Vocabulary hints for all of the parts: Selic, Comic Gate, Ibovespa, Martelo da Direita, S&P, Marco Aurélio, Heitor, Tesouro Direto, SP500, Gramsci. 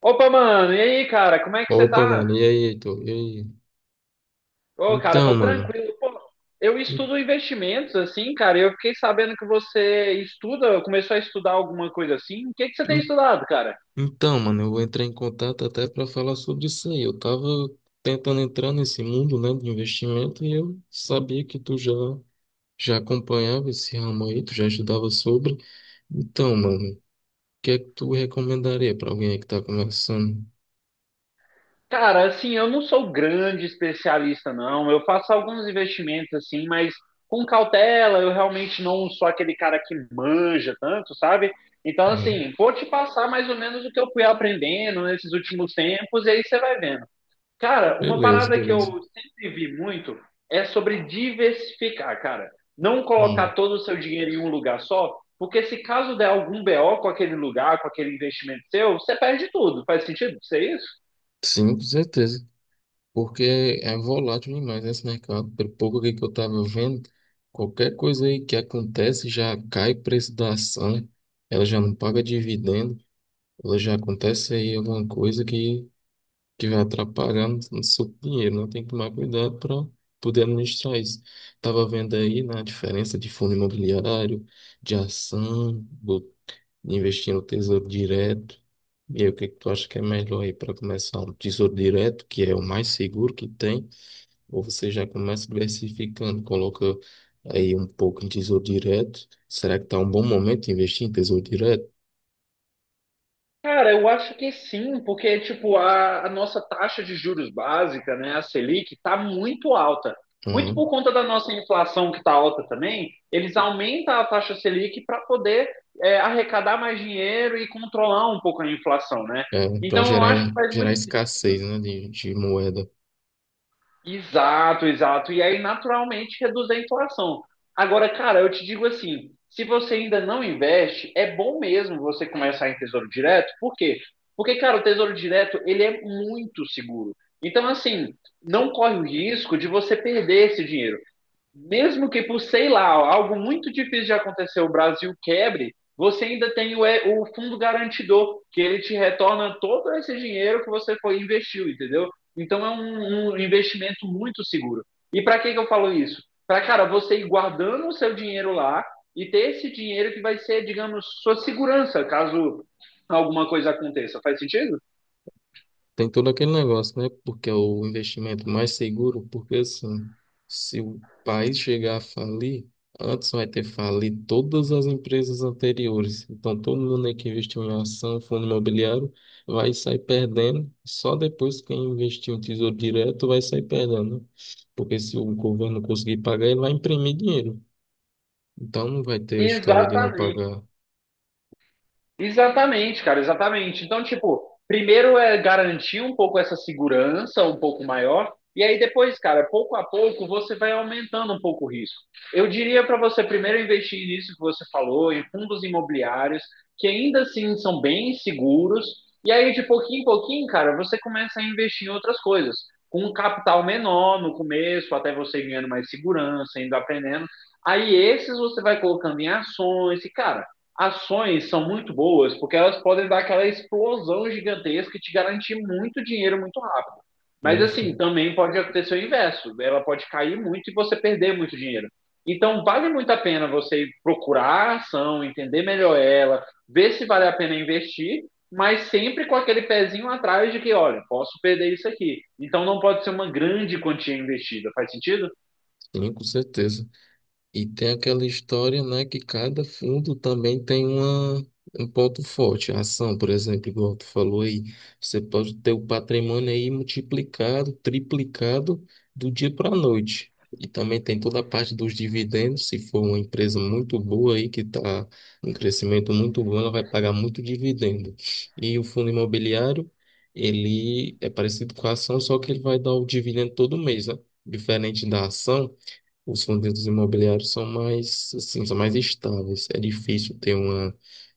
Opa, mano, e aí, cara, como é que você Opa, tá? mano, e aí, Heitor? E aí? Ô, cara, Então, tô mano, tranquilo. Pô, eu en- estudo investimentos, assim, cara, e eu fiquei sabendo que você estuda, começou a estudar alguma coisa assim. O que que você tem en- estudado, cara? então, mano, eu vou entrar em contato até para falar sobre isso aí. Eu tava tentando entrar nesse mundo, né, de investimento e eu sabia que tu já acompanhava esse ramo aí, tu já estudava sobre. Então, mano, o que é que tu recomendaria para alguém aí que tá começando? Cara, assim, eu não sou grande especialista, não. Eu faço alguns investimentos, assim, mas com cautela, eu realmente não sou aquele cara que manja tanto, sabe? Então, Hum, assim, vou te passar mais ou menos o que eu fui aprendendo nesses últimos tempos, e aí você vai vendo. Cara, uma beleza, parada que eu beleza. sempre vi muito é sobre diversificar, cara. Não colocar Hum, todo o seu dinheiro em um lugar só, porque se caso der algum BO com aquele lugar, com aquele investimento seu, você perde tudo. Faz sentido? Isso é isso? sim, com certeza. Porque é volátil demais esse mercado. Pelo pouco aqui que eu estava vendo, qualquer coisa aí que acontece já cai o preço da ação, ela já não paga dividendo, ela já acontece aí alguma coisa que vai atrapalhando no seu dinheiro, né? Tem que tomar cuidado para poder administrar isso. Estava vendo aí na diferença de fundo imobiliário, de ação, investir no Tesouro Direto. E aí, o que que tu acha que é melhor aí para começar? Um tesouro direto, que é o mais seguro que tem, ou você já começa diversificando, coloca aí um pouco em tesouro direto. Será que está um bom momento de investir em tesouro direto? Cara, eu acho que sim, porque tipo a nossa taxa de juros básica, né, a Selic, está muito alta. Muito Uhum. por conta da nossa inflação que está alta também, eles aumentam a taxa Selic para poder arrecadar mais dinheiro e controlar um pouco a inflação, né? É, para Então eu gerar, acho que faz gerar muito sentido. escassez, né, de moeda. Exato, exato. E aí, naturalmente, reduz a inflação. Agora, cara, eu te digo assim: se você ainda não investe, é bom mesmo você começar em Tesouro Direto. Por quê? Porque, cara, o Tesouro Direto, ele é muito seguro. Então, assim, não corre o risco de você perder esse dinheiro mesmo que por, sei lá, algo muito difícil de acontecer, o Brasil quebre, você ainda tem o fundo garantidor, que ele te retorna todo esse dinheiro que você foi investiu, entendeu? Então é um investimento muito seguro. E para que, que eu falo isso? Para, cara, você ir guardando o seu dinheiro lá e ter esse dinheiro que vai ser, digamos, sua segurança, caso alguma coisa aconteça. Faz sentido? Tem todo aquele negócio, né? Porque é o investimento mais seguro, porque assim, se o país chegar a falir, antes vai ter falido todas as empresas anteriores. Então, todo mundo aí que investiu em ação, fundo imobiliário, vai sair perdendo. Só depois quem investiu em tesouro direto vai sair perdendo, né? Porque se o governo conseguir pagar, ele vai imprimir dinheiro. Então, não vai ter história de não Exatamente. pagar. Exatamente, cara, exatamente. Então, tipo, primeiro é garantir um pouco essa segurança, um pouco maior, e aí depois, cara, pouco a pouco você vai aumentando um pouco o risco. Eu diria para você primeiro investir nisso que você falou, em fundos imobiliários, que ainda assim são bem seguros, e aí de pouquinho em pouquinho, cara, você começa a investir em outras coisas, com um capital menor no começo, até você ganhando mais segurança, indo aprendendo. Aí esses você vai colocando em ações, e cara. Ações são muito boas porque elas podem dar aquela explosão gigantesca e te garantir muito dinheiro muito rápido. Mas Sim, assim, também pode acontecer o inverso. Ela pode cair muito e você perder muito dinheiro. Então, vale muito a pena você procurar a ação, entender melhor ela, ver se vale a pena investir, mas sempre com aquele pezinho atrás de que, olha, posso perder isso aqui. Então, não pode ser uma grande quantia investida. Faz sentido? sim, com certeza. E tem aquela história, né, que cada fundo também tem um ponto forte. A ação, por exemplo, igual tu falou aí, você pode ter o patrimônio aí multiplicado, triplicado do dia para a noite. E também tem toda a parte dos dividendos. Se for uma empresa muito boa aí, que está em crescimento muito bom, ela vai pagar muito dividendo. E o fundo imobiliário, ele é parecido com a ação, só que ele vai dar o dividendo todo mês, né? Diferente da ação. Os fundos imobiliários são mais, assim, são mais estáveis. É difícil ter uma,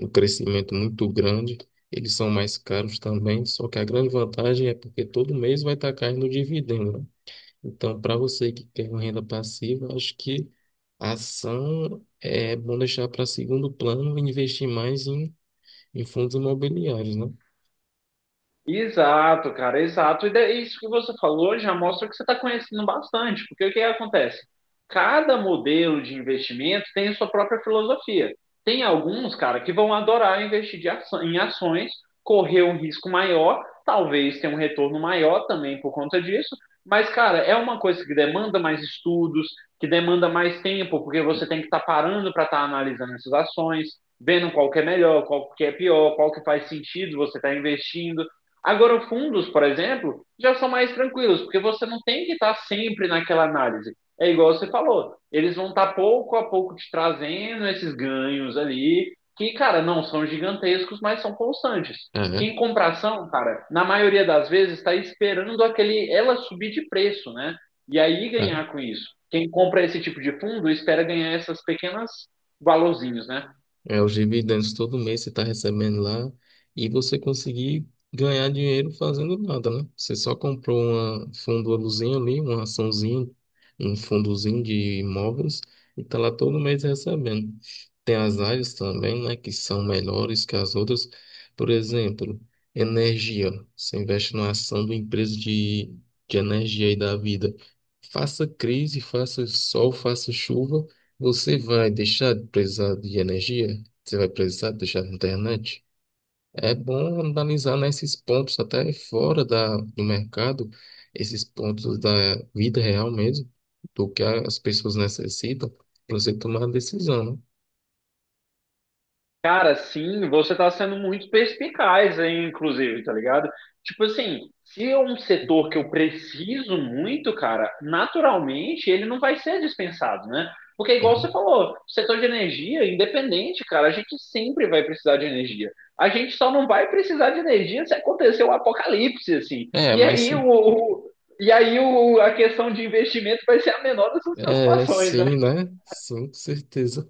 um crescimento muito grande. Eles são mais caros também, só que a grande vantagem é porque todo mês vai estar caindo o dividendo, né? Então, para você que quer uma renda passiva, acho que a ação é bom deixar para segundo plano e investir mais em fundos imobiliários, né? Exato, cara, exato. E daí, isso que você falou já mostra que você está conhecendo bastante, porque o que acontece? Cada modelo de investimento tem a sua própria filosofia. Tem alguns, cara, que vão adorar investir em ações, correr um risco maior, talvez ter um retorno maior também por conta disso, mas, cara, é uma coisa que demanda mais estudos, que demanda mais tempo, porque você tem que estar parando para estar analisando essas ações, vendo qual que é melhor, qual que é pior, qual que faz sentido você estar investindo. Agora, fundos, por exemplo, já são mais tranquilos, porque você não tem que estar sempre naquela análise. É igual você falou, eles vão estar pouco a pouco te trazendo esses ganhos ali, que, cara, não são gigantescos, mas são constantes. Ah, Quem compra ação, cara, na maioria das vezes está esperando aquele ela subir de preço, né? E aí é? ganhar com isso. Quem compra esse tipo de fundo espera ganhar essas pequenas valorzinhos, né? É, os dividendos todo mês você está recebendo lá e você conseguir ganhar dinheiro fazendo nada, né? Você só comprou uma fundo-luzinha ali, uma açãozinha, um fundozinho de imóveis e está lá todo mês recebendo. Tem as áreas também, né, que são melhores que as outras. Por exemplo, energia. Você investe numa ação de empresa de energia e da vida. Faça crise, faça sol, faça chuva. Você vai deixar de precisar de energia? Você vai precisar deixar na internet. É bom analisar, né, esses pontos até fora do mercado, esses pontos da vida real mesmo, do que as pessoas necessitam para você tomar a decisão, Cara, sim, você está sendo muito perspicaz, aí, inclusive, tá ligado? Tipo assim, se é um setor que eu preciso muito, cara, naturalmente ele não vai ser dispensado, né? Porque, né? igual você Uhum. falou, o setor de energia, independente, cara, a gente sempre vai precisar de energia. A gente só não vai precisar de energia se acontecer um apocalipse, assim. É, E mas aí, sim, e aí a questão de investimento vai ser a menor das suas é, preocupações, né? sim, né? Sim, com certeza.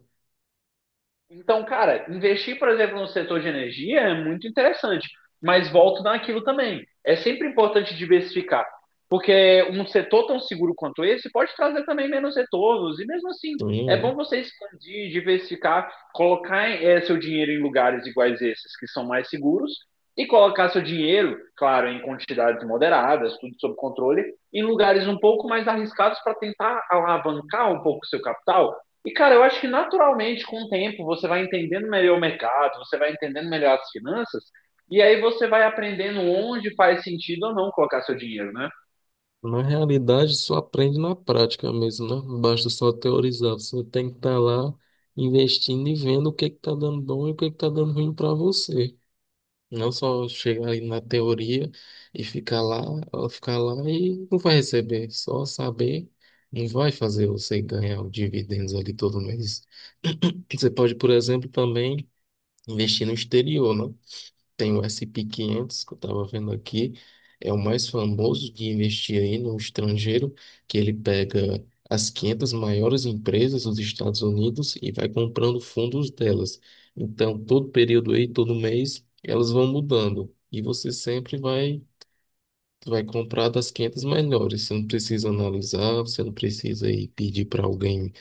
Então, cara, investir, por exemplo, no setor de energia é muito interessante, mas volto naquilo também. É sempre importante diversificar um setor tão seguro quanto esse pode trazer também menos retornos. E mesmo assim, Sim, é bom é. você expandir, diversificar, colocar seu dinheiro em lugares iguais a esses, que são mais seguros, e colocar seu dinheiro, claro, em quantidades moderadas, tudo sob controle, em lugares um pouco mais arriscados para tentar alavancar um pouco o seu capital. E, cara, eu acho que naturalmente, com o tempo, você vai entendendo melhor o mercado, você vai entendendo melhor as finanças, e aí você vai aprendendo onde faz sentido ou não colocar seu dinheiro, né? Na realidade, só aprende na prática mesmo, né? Não basta só teorizar. Você tem que estar lá investindo e vendo o que que está dando bom e o que que está dando ruim para você. Não só chegar aí na teoria e ficar lá, ela ficar lá e não vai receber. Só saber não vai fazer você ganhar os dividendos ali todo mês. Você pode, por exemplo, também investir no exterior, né? Tem o SP500, que eu estava vendo aqui, é o mais famoso de investir aí no estrangeiro, que ele pega as 500 maiores empresas dos Estados Unidos e vai comprando fundos delas. Então, todo período aí, todo mês, elas vão mudando. E você sempre vai comprar das 500 melhores. Você não precisa analisar, você não precisa aí pedir para alguém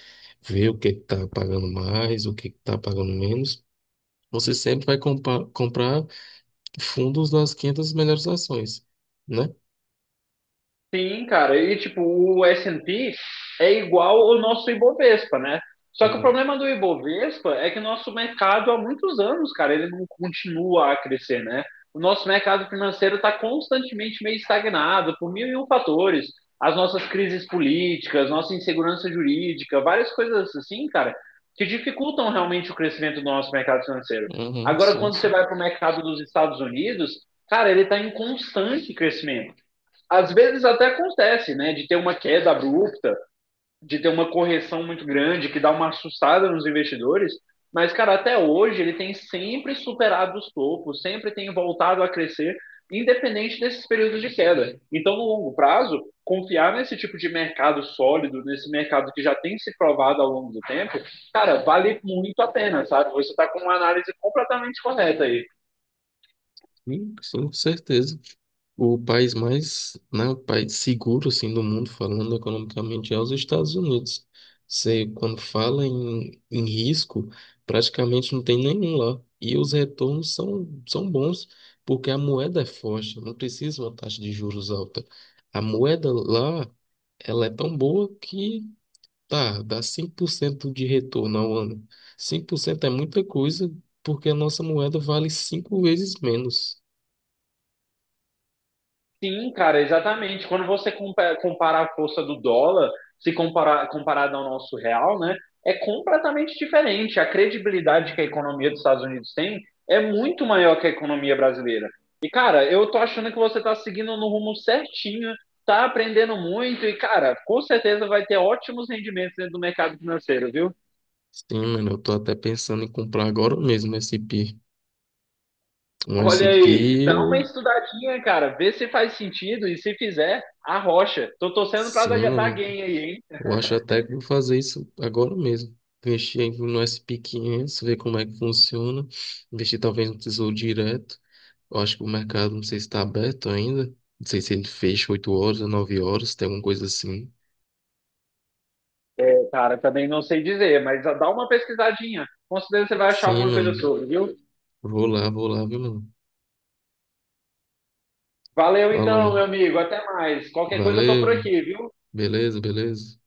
ver o que está pagando mais, o que está pagando menos. Você sempre vai comprar fundos nas 500 melhores ações, né? Sim, cara. E tipo, o S&P é igual ao nosso Ibovespa, né? Só que o Uhum. problema do Ibovespa é que o nosso mercado há muitos anos, cara, ele não continua a crescer, né? O nosso mercado financeiro está constantemente meio estagnado por mil e um fatores. As nossas crises políticas, nossa insegurança jurídica, várias coisas assim, cara, que dificultam realmente o crescimento do nosso mercado financeiro. Uhum, Agora, sim, quando você sim. vai para o mercado dos Estados Unidos, cara, ele está em constante crescimento às vezes até acontece, né, de ter uma queda abrupta, de ter uma correção muito grande, que dá uma assustada nos investidores, mas, cara, até hoje ele tem sempre superado os topos, sempre tem voltado a crescer, independente desses períodos de queda. Então, no longo prazo, confiar nesse tipo de mercado sólido, nesse mercado que já tem se provado ao longo do tempo, cara, vale muito a pena, sabe? Você está com uma análise completamente correta aí. Sim, sim, com certeza. O país mais, né, o país seguro, assim, do mundo, falando economicamente, é os Estados Unidos. Você, quando fala em risco, praticamente não tem nenhum lá. E os retornos são bons, porque a moeda é forte, não precisa uma taxa de juros alta. A moeda lá, ela é tão boa que. Tá, dá 5% de retorno ao ano. 5% é muita coisa, porque a nossa moeda vale 5 vezes menos. Sim, cara, exatamente. Quando você compara a força do dólar, se comparar comparado ao nosso real, né, é completamente diferente. A credibilidade que a economia dos Estados Unidos tem é muito maior que a economia brasileira. E, cara, eu tô achando que você tá seguindo no rumo certinho, tá aprendendo muito e, cara, com certeza vai ter ótimos rendimentos dentro do mercado financeiro, viu? Sim, mano, eu tô até pensando em comprar agora mesmo esse SP. Um Olha aí, SP dá uma ou. estudadinha, cara, vê se faz sentido e se fizer, arrocha. Tô torcendo pra dar Sim, dar mano, gain aí, hein? eu acho até que vou fazer isso agora mesmo. Investir aí no SP500 ver como é que funciona. Investir talvez no Tesouro Direto. Eu acho que o mercado, não sei se está aberto ainda. Não sei se ele fecha 8 horas ou 9 horas, tem alguma coisa assim. É, cara, também não sei dizer, mas dá uma pesquisadinha. Com certeza você vai achar Sim, alguma coisa mano. sobre, viu? Vou lá, viu, mano? Valeu Falou, então, mano. meu amigo. Até mais. Qualquer coisa eu tô Valeu, por mano. aqui, viu? Beleza, beleza.